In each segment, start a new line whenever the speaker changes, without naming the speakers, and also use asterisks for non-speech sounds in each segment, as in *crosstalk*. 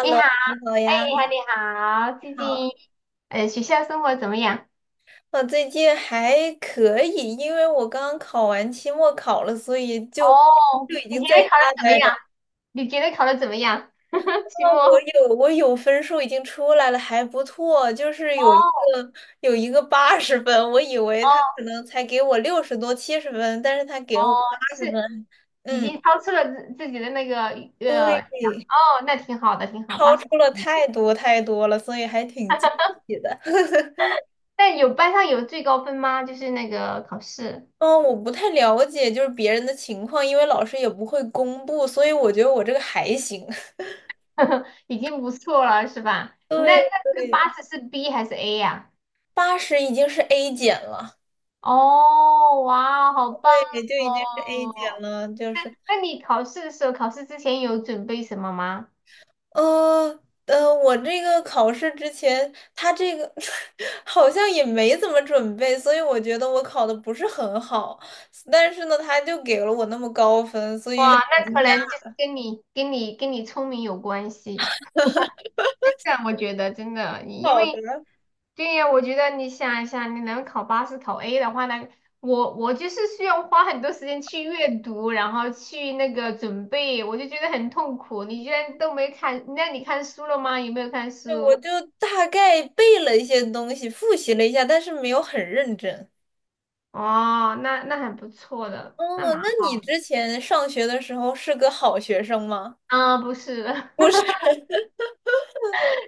你好，
你好
哎，
呀，
你好，
你
你好，最
好，
近学校生活怎么样？
我最近还可以，因为我刚考完期末考了，所以就
哦，
就已
你
经
觉
在
得考的
家
怎么
待着。
样？你觉得考的怎么样？*laughs* 期
那我
末？
有我有分数已经出来了，还不错，就是有一
哦
个有一个八十分，我以为他可
哦
能才给我60多70分，但是他给
哦，
了我八
就
十
是
分，
已
嗯，
经超出了自己的那个
对，
哦，那挺好的，挺好，
超
八十。
出了太多太多了，所以还挺惊喜的。
但有班上有最高分吗？就是那个考试，
嗯，我不太了解就是别人的情况，因为老师也不会公布，所以我觉得我这个还行。*laughs*
*laughs* 已经不错了，是吧？你那
对
那这个八
对，
十是 B 还是 A 呀、
80已经是 A 减了，
哦，哇，好棒
对，就已经是 A 减
哦！
了，就
那
是
那你考试的时候，考试之前有准备什么吗？
我这个考试之前，他这个 *laughs* 好像也没怎么准备，所以我觉得我考的不是很好，但是呢，他就给了我那么高分，所以还
哇，
挺
那
惊
可
讶
能就是跟你聪明有关系。真的，我觉得真的，因
好的。
为对呀，我觉得你想一下，你能考八十、考 A 的话呢，我就是需要花很多时间去阅读，然后去那个准备，我就觉得很痛苦。你居然都没看，那你看书了吗？有没有看
就我
书？
就大概背了一些东西，复习了一下，但是没有很认真。
哦，那那很不错的，
哦，
那蛮
那你
好。
之前上学的时候是个好学生吗？
啊，不是，*laughs*
不是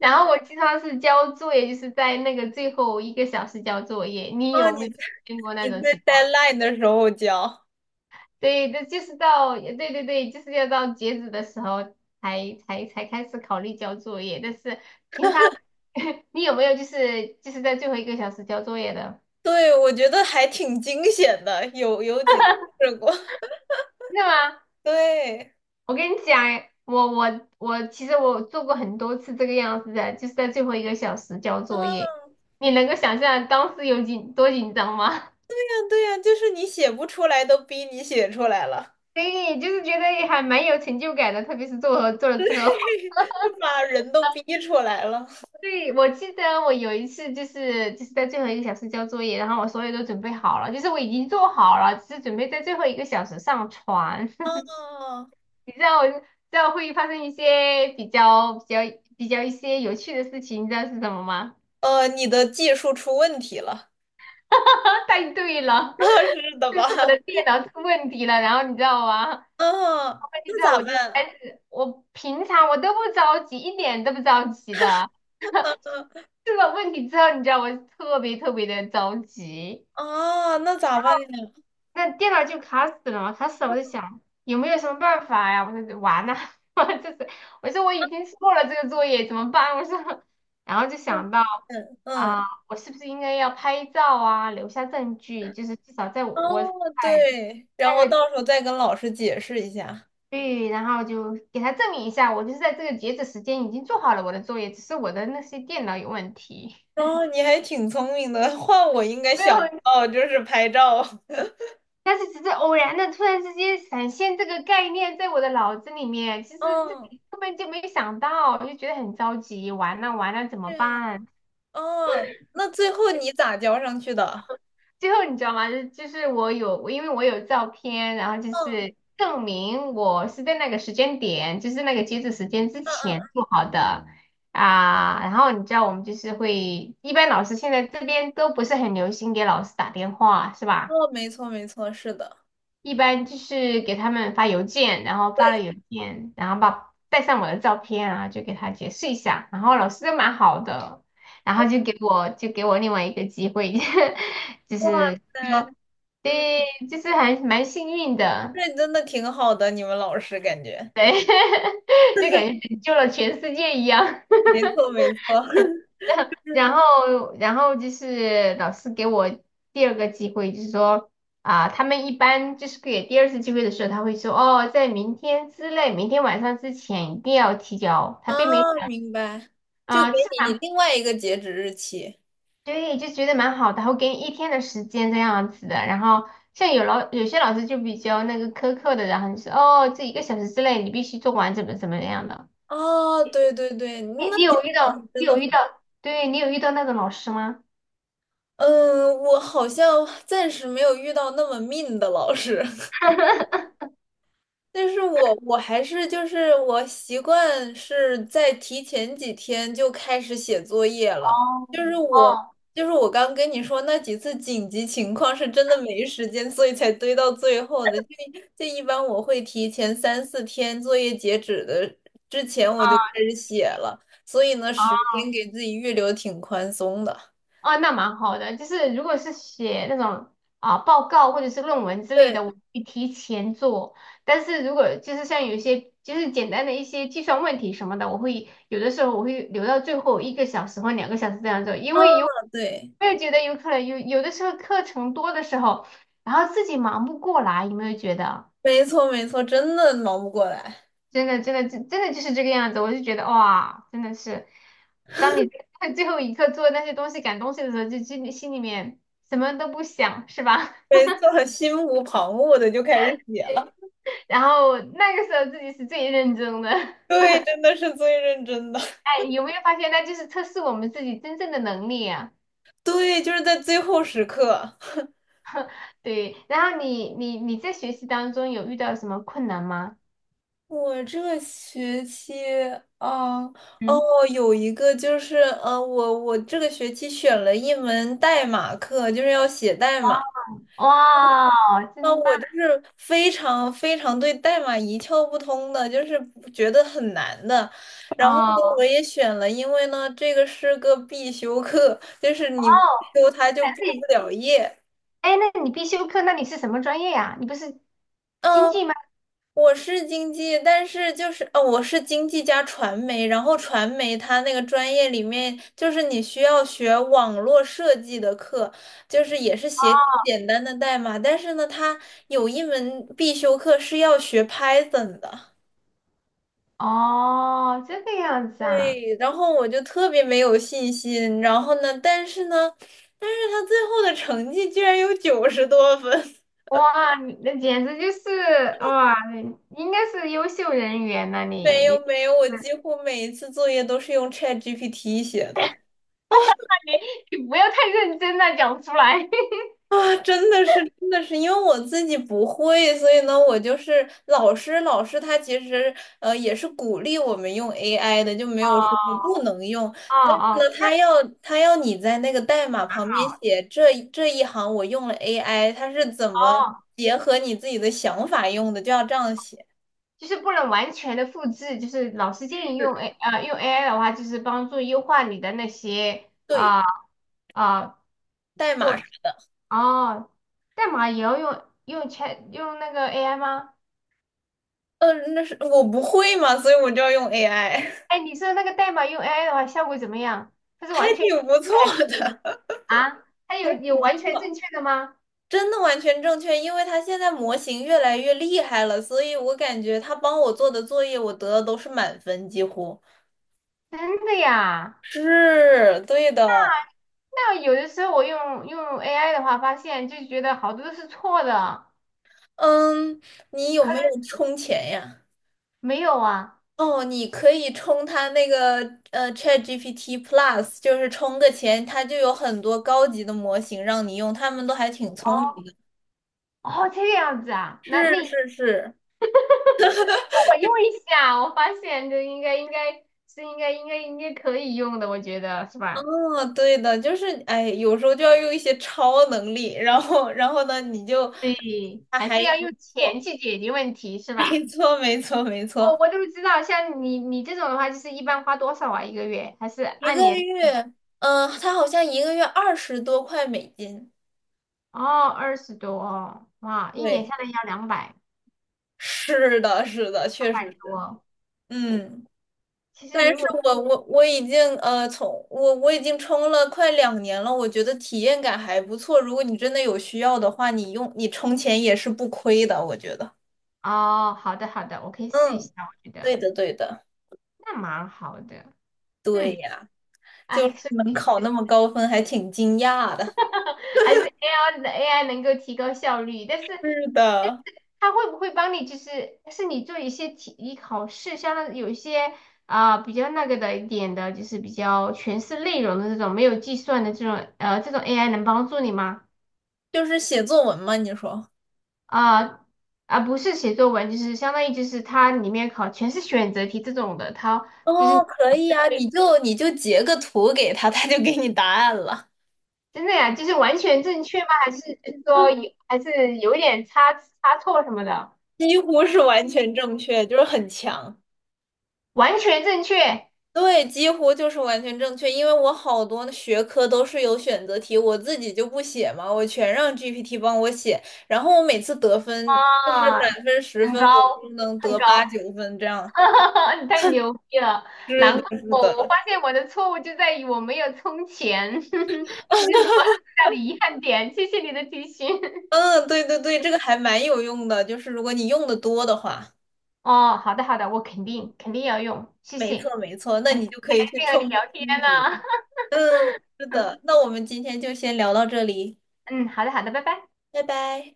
然后我经常是交作业，就是在那个最后一个小时交作业。你
啊，
有
你
没有
在
见过那
你
种
在
情况？
deadline 的时候交，
对，这就是到，对对对，就是要到截止的时候才开始考虑交作业。但是平常 *laughs* 你有没有就是在最后1个小时交作业的？
对，我觉得还挺惊险的，有几次试过，*laughs*
真的吗？
对。
我跟你讲，我其实我做过很多次这个样子的，就是在最后一个小时交作业。
啊，
你能够想象当时有多紧张吗？
对呀，就是你写不出来，都逼你写出来了，
对，就是觉得还蛮有成就感的，特别是做了之后。*laughs*
就把人都逼出来了。
对，我记得我有一次就是在最后一个小时交作业，然后我所有都准备好了，就是我已经做好了，只是准备在最后一个小时上传。*laughs*
啊，
你知道我知道会发生一些比较一些有趣的事情，你知道是什么吗？
你的技术出问题了，
*laughs* 太对
*laughs*
了，
那是
*laughs*
的
就
吧？
是我的电脑出问题了，然后你知道吗？
啊，
问题
那
之后
咋
我就
办？
我平常我都不着急，一点都不着急的。出了问题之后，你知道我特别特别的着急，
啊，那咋办呀？
那电脑就卡死了嘛，卡死了，我在想有没有什么办法呀？我说完了，*laughs* 我这是我说我已经做了这个作业，怎么办？我说，然后就
那
想到
嗯
啊，
嗯。
我是不是应该要拍照啊，留下证据，就是至少在我
哦，
我在
对，然
那
后
个
到时候再跟老师解释一下。
然后就给他证明一下，我就是在这个截止时间已经做好了我的作业，只是我的那些电脑有问题。
哦，你还挺聪明的，换我应该
*laughs* 没
想不
有。
到，就是拍照。*laughs*
但是只是偶然的，突然之间闪现这个概念在我的脑子里面，其实自
嗯，
己根本就没想到，就觉得很着急，完了完了怎么
对样。
办？
哦，那最后你咋交上去的？
最后你知道吗？就是我因为我有照片，然后就
嗯
是证明我是在那个时间点，就是那个截止时间之
嗯嗯，
前做好的啊。然后你知道我们就是会，一般老师现在这边都不是很流行给老师打电话，是吧？
哦，没错没错，是的。
一般就是给他们发邮件，然后发
对，
了邮件，然后把带上我的照片啊，然后就给他解释一下，然后老师都蛮好的，然后就给我另外一个机会，*laughs* 就
哇
是
塞，
说，对，
嗯，
就是还蛮幸运的，
这真的挺好的，你们老师感觉。
对，*laughs* 就感觉拯救了全世界一样。
没错没错。*laughs*
然后就是老师给我第二个机会，就是说啊，他们一般就是给第二次机会的时候，他会说哦，在明天之内，明天晚上之前一定要提交。他
啊，
并没
明白，就给
啊，是
你
吧
另外一个截止日期。
对，就觉得蛮好的，他会给你一天的时间这样子的。然后像有些老师就比较那个苛刻的，然后就是哦，这一个小时之内你必须做完，怎么怎么样的。
哦，对对对，那
你
你
有
们
遇
老师
到
真的。
对，你有遇到那种老师吗？
嗯，我好像暂时没有遇到那么命的老师，*laughs* 但是我还是就是我习惯是在提前几天就开始写作业了，就是我
哦，
就是我刚跟你说那几次紧急情况是真的没时间，所以才堆到最后的。就一般我会提前3、4天作业截止的之前我就开始写了，所以呢，时间给自己预留挺宽松的。
哦，那蛮好的。就是如果是写那种啊报告或者是论文之类
对，
的，我会提前做。但是如果就是像有一些就是简单的一些计算问题什么的，我会有的时候我会留到最后一个小时或2个小时这样做，因
啊，
为有
对。
我也觉得有可能有的时候课程多的时候，然后自己忙不过来，有没有觉得？
没错，没错，真的忙不过来，
真的，真的，真的就是这个样子。我就觉得哇，真的是，当你在 *laughs* 最后一刻做那些东西、赶东西的时候，就心里面什么都不想，是吧？
没错，心无旁骛的就开始写了。
*laughs* 然后那个时候自己是最认真的。*laughs*
对，真的是最认真的。*laughs*
哎，有没有发现，那就是测试我们自己真正的能力啊？
对，就是在最后时刻。
对。然后你在学习当中有遇到什么困难吗？
我这个学期啊，哦，
嗯，
有一个就是，我这个学期选了一门代码课，就是要写代
哇，
码。
哇，
那
真棒！
我就是非常非常对代码一窍不通的，就是觉得很难的。然后呢，
哦
我也选了，因为呢，这个是个必修课，就是你不
哦，
修它就毕不了业。
哎，那你必修课，那你是什么专业呀？你不是经
嗯，
济？吗？
我是经济，但是就是哦，我是经济加传媒，然后传媒它那个专业里面就是你需要学网络设计的课，就是也是写简单的代码，但是呢，它有一门必修课是要学 Python 的。
哦，这个样子啊，
对，然后我就特别没有信心，然后呢，但是呢，但是他最后的成绩居然有90多分，
哇，你那简直就是哇，你应该是优秀人员呐、
*laughs*
你
没有
你，
没有，我
那
几乎每一次作业都是用 ChatGPT 写的
你你不要太认真了，讲出来。*laughs*
啊，真的是真的是，因为我自己不会，所以呢，我就是老师他其实也是鼓励我们用 AI 的，就没
哦
有说不能用，
哦，哦，
那
太
他要你在那个代码旁
好
边
了
写这一行我用了 AI，他是怎么
哦，
结合你自己的想法用的，就要这样写。
就是不能完全的复制，就是老师建议用
是
AI 的话，就是帮助优化你的那些
对，
啊啊、
代
过
码
程
是，
哦，代码也要用 用那个 AI 吗？
那是我不会嘛，所以我就要用 AI，
哎，你说那个代码用 AI 的话，效果怎么样？它
*laughs*
是
还
完全
挺不错
哎有
的，
啊？它
*laughs* 还
有
挺不
完全
错，
正确的吗？
真的完全正确，因为他现在模型越来越厉害了，所以我感觉他帮我做的作业，我得的都是满分，几乎
真的呀？
是对的。
那有的时候我用 AI 的话，发现就觉得好多都是错的，
嗯，你有
可
没有
能
充钱呀？
没有啊。
哦，你可以充它那个ChatGPT Plus，就是充个钱，它就有很多高级的模型让你用，他们都还挺聪明
哦
的。
哦，这个样子啊？那
是
你让
是是，
我用一下，我发现这应该应该是应该应该应该可以用的，我觉得是吧？
哦，对的，就是哎，有时候就要用一些超能力，然后呢，你就
对，
它
还
还
是要
还
用
不
钱
错，
去解决问题，是
*laughs* 没
吧？
错没错没
我
错，
我都不知道，像你这种的话，就是一般花多少啊？一个月还是
一
按
个
年？
月，嗯、它好像一个月20多块美金，
哦，20多哦，哇，一年
对，
下来要两百
是的是的，确实是，
多。
嗯。
其
但
实如
是
果
我已经从我已经冲了快2年了，我觉得体验感还不错。如果你真的有需要的话，你用你充钱也是不亏的，我觉得。
哦，好的好的，我可以试一
嗯，
下，我觉
对
得
的对的，
那蛮好的。
对
嗯，
呀，就
哎，
是
所
能
以
考那么高分，还挺惊讶的。
*laughs* 还是 AI 的 AI 能够提高效率，但是
是的，
他会不会帮你？就是是你做一些题、考试，相当于有一些啊、比较那个的一点的，就是比较全是内容的这种，没有计算的这种，这种 AI 能帮助你吗？
就是写作文嘛，你说。
啊、啊，不是写作文，就是相当于就是它里面考全是选择题这种的，它就
哦，
是
可以啊，你就截个图给他，他就给你答案了，
真的呀，就是完全正确吗？还是就是说有还是有点差错什么的？
几乎是完全正确，就是很强。
完全正确
对，几乎就是完全正确，因为我好多学科都是有选择题，我自己就不写嘛，我全让 GPT 帮我写，然后我每次得分就是
啊，
满分十
很
分，
高
我就能
很
得八
高。
九分这样。
*laughs* 你太牛逼了！
是
难怪
的，是
我，我发
的，
现我的错误就在于我没有充钱，*laughs* 这就是我最大的遗憾点。谢谢你的提醒。*laughs*
嗯，对对对，这个还蛮有用的，就是如果你用的多的话，
哦，好的好的，我肯定肯定要用，谢
没
谢。
错没错，那
哎，
你就可
感
以去
谢和你
冲
聊天
冲击。
呢、
嗯，是的，那我们今天就先聊到这里，
*laughs* 嗯，好的好的，拜拜。
拜拜。